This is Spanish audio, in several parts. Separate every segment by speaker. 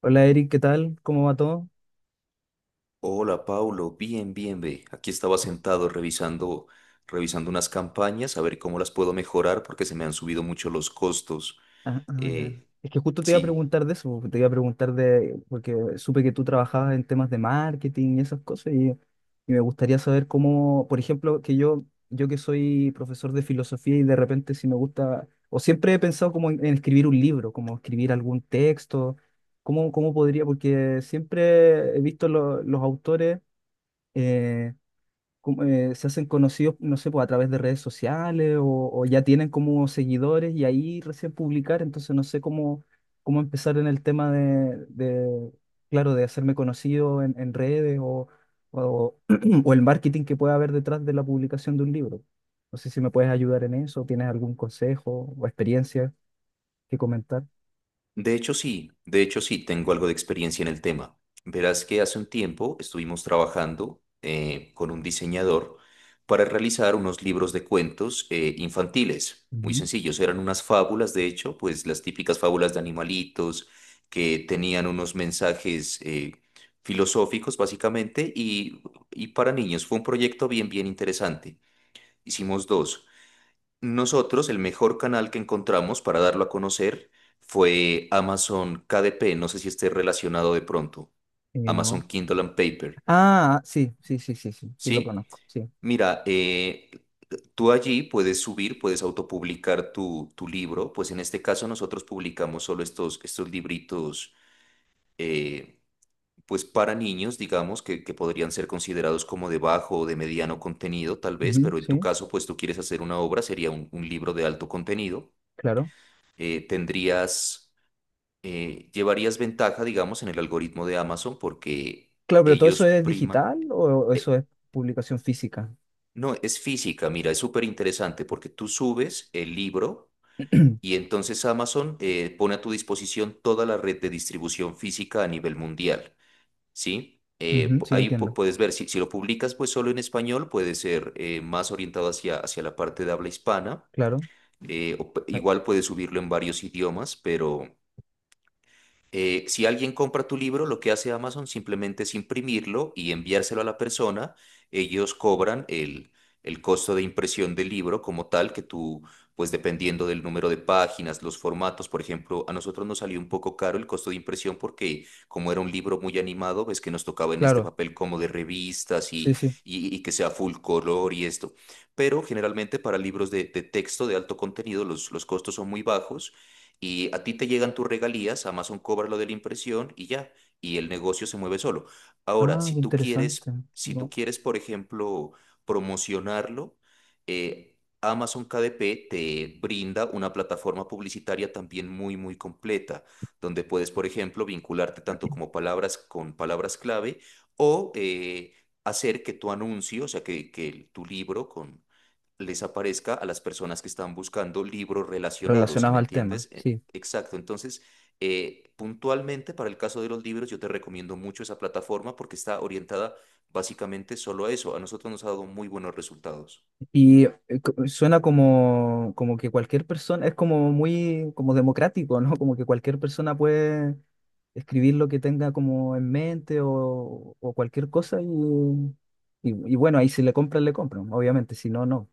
Speaker 1: Hola Eric, ¿qué tal? ¿Cómo va todo?
Speaker 2: Hola, Paulo. Bien, bien, ve. Aquí estaba sentado revisando unas campañas, a ver cómo las puedo mejorar porque se me han subido mucho los costos.
Speaker 1: Ya.
Speaker 2: Eh,
Speaker 1: Es que justo te iba a
Speaker 2: sí.
Speaker 1: preguntar de eso, te iba a preguntar de, porque supe que tú trabajabas en temas de marketing y esas cosas, y me gustaría saber cómo, por ejemplo, que yo que soy profesor de filosofía y de repente si me gusta, o siempre he pensado como en escribir un libro, como escribir algún texto, cómo podría, porque siempre he visto los autores, eh, como, se hacen conocidos, no sé, pues a través de redes sociales o ya tienen como seguidores y ahí recién publicar. Entonces no sé cómo, cómo empezar en el tema claro, de hacerme conocido en redes o, o el marketing que pueda haber detrás de la publicación de un libro. No sé si me puedes ayudar en eso, tienes algún consejo o experiencia que comentar.
Speaker 2: De hecho, sí, tengo algo de experiencia en el tema. Verás que hace un tiempo estuvimos trabajando con un diseñador para realizar unos libros de cuentos infantiles, muy
Speaker 1: Ujú.
Speaker 2: sencillos, eran unas fábulas, de hecho, pues las típicas fábulas de animalitos que tenían unos mensajes filosóficos, básicamente, y para niños fue un proyecto bien, bien interesante. Hicimos dos. Nosotros, el mejor canal que encontramos para darlo a conocer fue Amazon KDP, no sé si esté relacionado de pronto, Amazon
Speaker 1: No.
Speaker 2: Kindle and Paper,
Speaker 1: Ah, sí, sí, sí, sí, sí, sí lo
Speaker 2: ¿sí?
Speaker 1: conozco, sí.
Speaker 2: Mira, tú allí puedes subir, puedes autopublicar tu libro, pues en este caso nosotros publicamos solo estos libritos, eh, pues para niños, digamos, que podrían ser considerados como de bajo o de mediano contenido, tal vez,
Speaker 1: Ujú,
Speaker 2: pero en tu
Speaker 1: sí,
Speaker 2: caso, pues tú quieres hacer una obra, sería un libro de alto contenido.
Speaker 1: claro.
Speaker 2: eh, tendrías, Llevarías ventaja, digamos, en el algoritmo de Amazon porque
Speaker 1: Claro, pero ¿todo eso
Speaker 2: ellos
Speaker 1: es
Speaker 2: priman.
Speaker 1: digital o eso
Speaker 2: eh,
Speaker 1: es publicación física?
Speaker 2: no, es física, mira, es súper interesante porque tú subes el libro
Speaker 1: Ujú,
Speaker 2: y entonces Amazon pone a tu disposición toda la red de distribución física a nivel mundial, ¿sí?
Speaker 1: sí,
Speaker 2: Ahí
Speaker 1: entiendo.
Speaker 2: puedes ver, si lo publicas pues solo en español, puede ser más orientado hacia, hacia la parte de habla hispana.
Speaker 1: Claro,
Speaker 2: O
Speaker 1: eh,
Speaker 2: igual puedes subirlo en varios idiomas, pero... Si alguien compra tu libro, lo que hace Amazon simplemente es imprimirlo y enviárselo a la persona. Ellos cobran el costo de impresión del libro como tal, que tú, pues dependiendo del número de páginas, los formatos, por ejemplo, a nosotros nos salió un poco caro el costo de impresión porque como era un libro muy animado, ves que nos tocaba en este
Speaker 1: claro,
Speaker 2: papel como de revistas
Speaker 1: sí,
Speaker 2: y,
Speaker 1: sí.
Speaker 2: y, y que sea full color y esto. Pero generalmente para libros de texto de alto contenido los costos son muy bajos y a ti te llegan tus regalías, Amazon cobra lo de la impresión y ya, y el negocio se mueve solo. Ahora,
Speaker 1: Ah,
Speaker 2: si
Speaker 1: qué
Speaker 2: tú
Speaker 1: interesante.
Speaker 2: quieres, si tú
Speaker 1: No,
Speaker 2: quieres, por ejemplo, promocionarlo, Amazon KDP te brinda una plataforma publicitaria también muy, muy completa, donde puedes, por ejemplo, vincularte tanto como palabras con palabras clave o hacer que tu anuncio, o sea, tu libro con les aparezca a las personas que están buscando libros relacionados, ¿si
Speaker 1: relacionado
Speaker 2: me
Speaker 1: al tema,
Speaker 2: entiendes?
Speaker 1: sí.
Speaker 2: Exacto, entonces puntualmente para el caso de los libros yo te recomiendo mucho esa plataforma porque está orientada básicamente solo a eso. A nosotros nos ha dado muy buenos resultados.
Speaker 1: Suena como, como que cualquier persona, es como muy como democrático, ¿no? Como que cualquier persona puede escribir lo que tenga como en mente o cualquier cosa y bueno, ahí si le compran, le compran, obviamente, si no, no.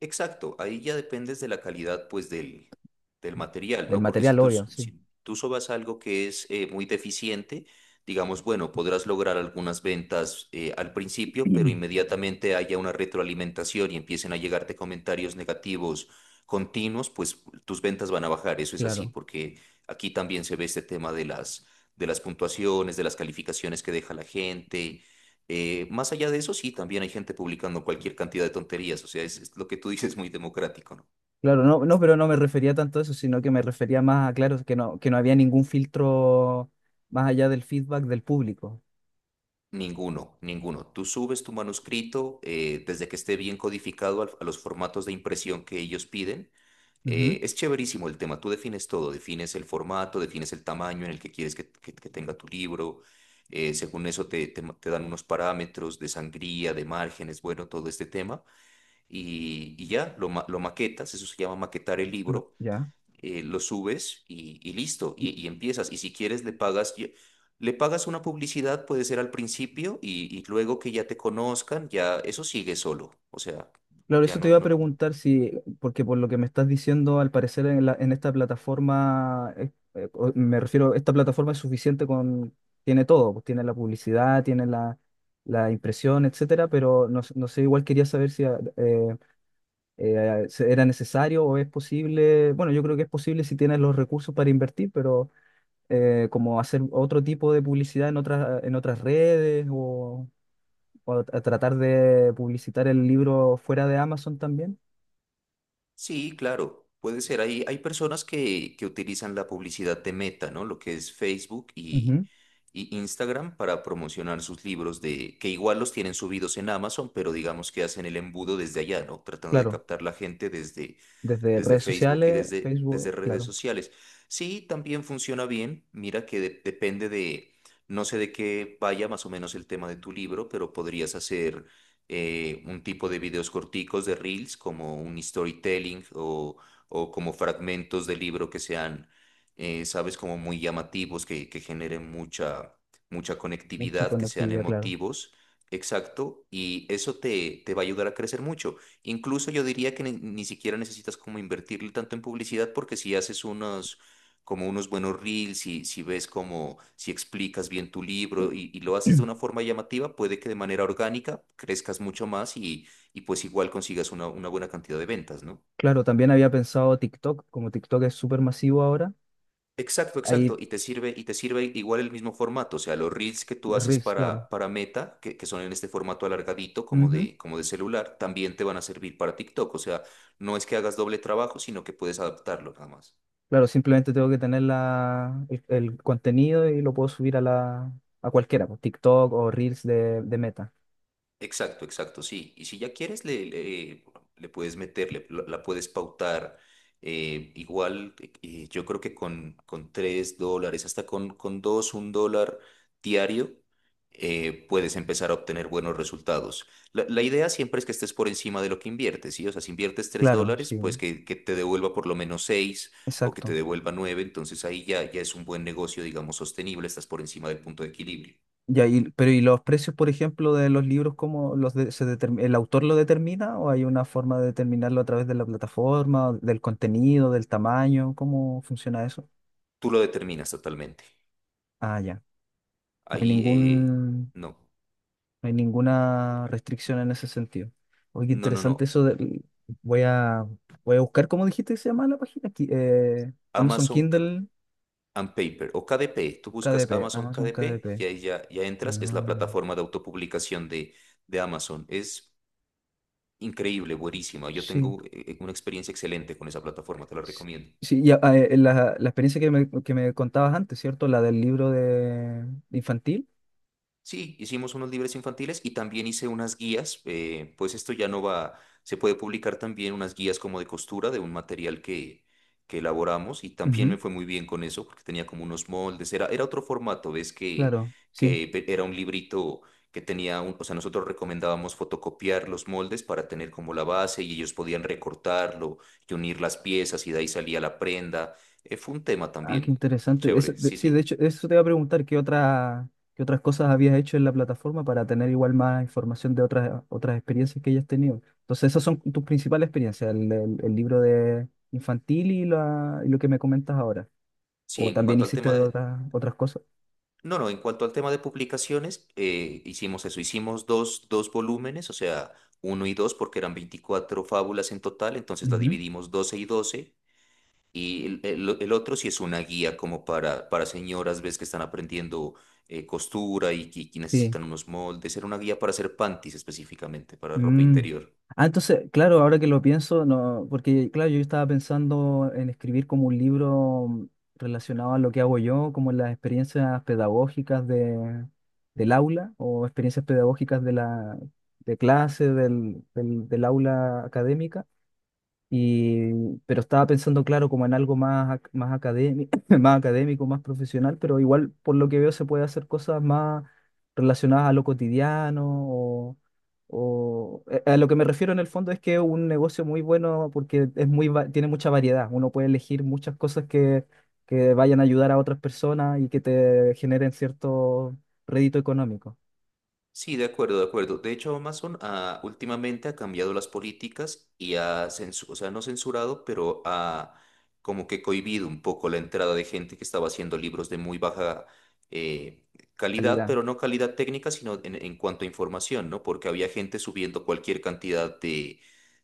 Speaker 2: Exacto, ahí ya dependes de la calidad pues del material,
Speaker 1: Del
Speaker 2: ¿no? Porque si
Speaker 1: material,
Speaker 2: tú,
Speaker 1: obvio, sí.
Speaker 2: si tú sobas algo que es muy deficiente, digamos, bueno, podrás lograr algunas ventas al principio, pero inmediatamente haya una retroalimentación y empiecen a llegarte comentarios negativos continuos, pues tus ventas van a bajar, eso es así,
Speaker 1: Claro.
Speaker 2: porque aquí también se ve este tema de las puntuaciones, de las calificaciones que deja la gente. Más allá de eso, sí, también hay gente publicando cualquier cantidad de tonterías, o sea, es lo que tú dices, muy democrático, ¿no?
Speaker 1: Claro, no, no, pero no me refería tanto a eso, sino que me refería más a, claro, que no había ningún filtro más allá del feedback del público.
Speaker 2: Ninguno, ninguno. Tú subes tu manuscrito desde que esté bien codificado a los formatos de impresión que ellos piden.
Speaker 1: Ujú,
Speaker 2: Es chéverísimo el tema, tú defines todo, defines el formato, defines el tamaño en el que quieres que tenga tu libro, según eso te dan unos parámetros de sangría, de márgenes, bueno, todo este tema, y ya lo maquetas, eso se llama maquetar el
Speaker 1: no,
Speaker 2: libro.
Speaker 1: ya.
Speaker 2: Lo subes y listo, y,
Speaker 1: Y,
Speaker 2: y empiezas. Y si quieres, le pagas una publicidad, puede ser al principio, y luego que ya te conozcan, ya eso sigue solo. O sea,
Speaker 1: claro,
Speaker 2: ya
Speaker 1: eso te
Speaker 2: no,
Speaker 1: iba a
Speaker 2: no.
Speaker 1: preguntar si, porque por lo que me estás diciendo, al parecer en esta plataforma, me refiero, esta plataforma es suficiente con, tiene todo, pues tiene la publicidad, tiene la, la impresión, etcétera, pero no, no sé, igual quería saber si eh, ¿era necesario o es posible? Bueno, yo creo que es posible si tienes los recursos para invertir, pero como hacer otro tipo de publicidad en otras redes o a tratar de publicitar el libro fuera de Amazon también.
Speaker 2: Sí, claro, puede ser. Hay personas que utilizan la publicidad de Meta, ¿no? Lo que es Facebook y,
Speaker 1: Ujú.
Speaker 2: y Instagram para promocionar sus libros de, que igual los tienen subidos en Amazon, pero digamos que hacen el embudo desde allá, ¿no? Tratando de
Speaker 1: Claro,
Speaker 2: captar la gente desde
Speaker 1: desde
Speaker 2: desde
Speaker 1: redes
Speaker 2: Facebook y
Speaker 1: sociales,
Speaker 2: desde
Speaker 1: Facebook,
Speaker 2: redes
Speaker 1: claro,
Speaker 2: sociales. Sí, también funciona bien. Mira que depende de, no sé de qué vaya más o menos el tema de tu libro, pero podrías hacer un tipo de videos corticos de reels, como un storytelling o como fragmentos de libro que sean, sabes, como muy llamativos, que generen mucha, mucha
Speaker 1: mucha
Speaker 2: conectividad, que sean
Speaker 1: conectividad, claro.
Speaker 2: emotivos. Exacto, y eso te, te va a ayudar a crecer mucho. Incluso yo diría que ni siquiera necesitas como invertirle tanto en publicidad porque si haces unos, como unos buenos reels, si ves como, si explicas bien tu libro y lo haces de una forma llamativa, puede que de manera orgánica crezcas mucho más y pues igual consigas una buena cantidad de ventas, ¿no?
Speaker 1: Claro, también había pensado TikTok, como TikTok es súper masivo ahora,
Speaker 2: Exacto,
Speaker 1: ahí
Speaker 2: exacto. Y te sirve igual el mismo formato. O sea, los reels que tú haces
Speaker 1: Reels, claro.
Speaker 2: para Meta, que son en este formato alargadito
Speaker 1: Ujú.
Speaker 2: como de celular, también te van a servir para TikTok. O sea, no es que hagas doble trabajo, sino que puedes adaptarlo nada más.
Speaker 1: Claro, simplemente tengo que tener la, el contenido y lo puedo subir a la a cualquiera, pues, TikTok o Reels de Meta.
Speaker 2: Exacto, exacto, sí. Y si ya quieres, le puedes meter, la puedes pautar. Igual, yo creo que con $3, hasta con dos, $1 diario, puedes empezar a obtener buenos resultados. La idea siempre es que estés por encima de lo que inviertes, ¿sí? O sea, si inviertes tres
Speaker 1: Claro,
Speaker 2: dólares,
Speaker 1: sí,
Speaker 2: pues que te devuelva por lo menos 6 o que te
Speaker 1: exacto.
Speaker 2: devuelva 9. Entonces ahí ya, ya es un buen negocio, digamos, sostenible, estás por encima del punto de equilibrio.
Speaker 1: Ya, pero ¿y los precios, por ejemplo, de los libros, cómo los de- se determ- el autor lo determina o hay una forma de determinarlo a través de la plataforma, del contenido, del tamaño? ¿Cómo funciona eso?
Speaker 2: Tú lo determinas totalmente.
Speaker 1: Ah, ya. No hay
Speaker 2: Ahí,
Speaker 1: ningún.
Speaker 2: no,
Speaker 1: No hay ninguna restricción en ese sentido. Oye, qué
Speaker 2: no, no,
Speaker 1: interesante
Speaker 2: no.
Speaker 1: eso voy a, voy a buscar. ¿Cómo dijiste que se llama la página? Amazon
Speaker 2: Amazon K-
Speaker 1: Kindle
Speaker 2: and Paper o KDP. Tú buscas
Speaker 1: KDP.
Speaker 2: Amazon
Speaker 1: Amazon
Speaker 2: KDP y
Speaker 1: KDP.
Speaker 2: ahí ya entras. Es la
Speaker 1: Ah,
Speaker 2: plataforma de autopublicación de Amazon. Es increíble, buenísima. Yo
Speaker 1: sí.
Speaker 2: tengo una experiencia excelente con esa plataforma, te la
Speaker 1: s-
Speaker 2: recomiendo.
Speaker 1: Sí, y, ah, la, la experiencia que me contabas antes, ¿cierto? La del libro de infantil.
Speaker 2: Sí, hicimos unos libros infantiles y también hice unas guías, pues esto ya no va, se puede publicar también unas guías como de costura de un material que elaboramos y también me
Speaker 1: Ujú,
Speaker 2: fue muy bien con eso porque tenía como unos moldes, era otro formato, ves
Speaker 1: claro, sí.
Speaker 2: era un librito que tenía, un, o sea, nosotros recomendábamos fotocopiar los moldes para tener como la base y ellos podían recortarlo y unir las piezas y de ahí salía la prenda. Fue un tema
Speaker 1: Ah, qué
Speaker 2: también
Speaker 1: interesante.
Speaker 2: chévere, sí,
Speaker 1: Sí, de
Speaker 2: sí.
Speaker 1: hecho, eso te iba a preguntar, ¿qué otra, qué otras cosas habías hecho en la plataforma para tener igual más información de otras, otras experiencias que hayas tenido? Entonces, esas son tus principales experiencias, el libro de infantil y, y lo que me comentas ahora.
Speaker 2: Sí,
Speaker 1: O
Speaker 2: en
Speaker 1: también
Speaker 2: cuanto al tema
Speaker 1: hiciste
Speaker 2: de,
Speaker 1: otras, otras cosas.
Speaker 2: No, no, en cuanto al tema de publicaciones, hicimos eso, hicimos dos volúmenes, o sea, uno y dos, porque eran 24 fábulas en total, entonces la
Speaker 1: Ujú.
Speaker 2: dividimos 12 y 12. Y el, el otro sí es una guía como para señoras, ves que están aprendiendo costura y que
Speaker 1: Sí.
Speaker 2: necesitan unos moldes, era una guía para hacer panties específicamente, para ropa
Speaker 1: Mm.
Speaker 2: interior.
Speaker 1: Ah, entonces, claro, ahora que lo pienso, no, porque claro, yo estaba pensando en escribir como un libro mm, relacionado a lo que hago yo, como las experiencias pedagógicas de, del aula o experiencias pedagógicas de la de clase, del aula académica. Y, pero estaba pensando, claro, como en algo más, más académico, más académico, más profesional, pero igual por lo que veo se puede hacer cosas más relacionadas a lo cotidiano o, a lo que me refiero en el fondo es que es un negocio muy bueno porque es muy, tiene mucha variedad. Uno puede elegir muchas cosas que vayan a ayudar a otras personas y que te generen cierto rédito económico.
Speaker 2: Sí, de acuerdo, de acuerdo. De hecho, Amazon últimamente ha cambiado las políticas y ha censurado, o sea, no censurado, pero ha como que cohibido un poco la entrada de gente que estaba haciendo libros de muy baja eh, calidad,
Speaker 1: Calidad.
Speaker 2: pero no calidad técnica, sino en cuanto a información, ¿no? Porque había gente subiendo cualquier cantidad de,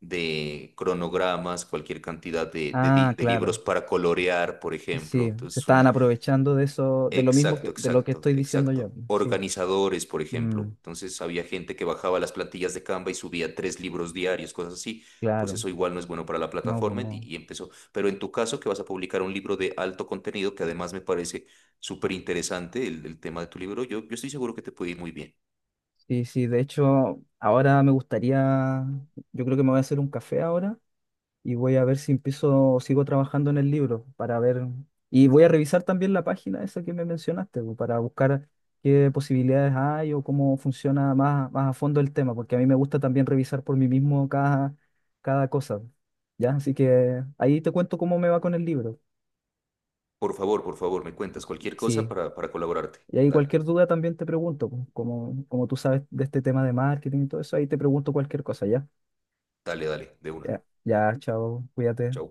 Speaker 2: de cronogramas, cualquier cantidad de, de
Speaker 1: Ah,
Speaker 2: di- de
Speaker 1: claro,
Speaker 2: libros para colorear, por ejemplo.
Speaker 1: sí, se
Speaker 2: Entonces,
Speaker 1: estaban
Speaker 2: un-
Speaker 1: aprovechando de eso, de lo mismo
Speaker 2: Exacto,
Speaker 1: que, de lo que
Speaker 2: exacto,
Speaker 1: estoy diciendo yo,
Speaker 2: exacto.
Speaker 1: pues. Sí,
Speaker 2: Organizadores, por
Speaker 1: mm,
Speaker 2: ejemplo. Entonces había gente que bajaba las plantillas de Canva y subía tres libros diarios, cosas así. Pues
Speaker 1: claro,
Speaker 2: eso igual no es bueno para la
Speaker 1: no, pues
Speaker 2: plataforma
Speaker 1: no.
Speaker 2: y empezó. Pero en tu caso, que vas a publicar un libro de alto contenido, que además me parece súper interesante el- tema de tu libro, yo estoy seguro que te puede ir muy bien.
Speaker 1: Sí, sí, de hecho, ahora me gustaría, yo creo que me voy a hacer un café ahora y voy a ver si empiezo, sigo trabajando en el libro para ver, y voy a revisar también la página esa que me mencionaste, pues, para buscar qué posibilidades hay o cómo funciona más, más a fondo el tema, porque a mí me gusta también revisar por mí mismo cada, cada cosa. ¿Ya? Así que ahí te cuento cómo me va con el libro.
Speaker 2: Por favor, me cuentas cualquier cosa
Speaker 1: Sí,
Speaker 2: para colaborarte.
Speaker 1: y ahí
Speaker 2: Dale,
Speaker 1: cualquier duda también te pregunto, pues, como, como tú sabes de este tema de marketing y todo eso, ahí te pregunto cualquier cosa, ¿ya?
Speaker 2: dale, dale, de una.
Speaker 1: Ya, ya, chao, cuídate.
Speaker 2: Chao.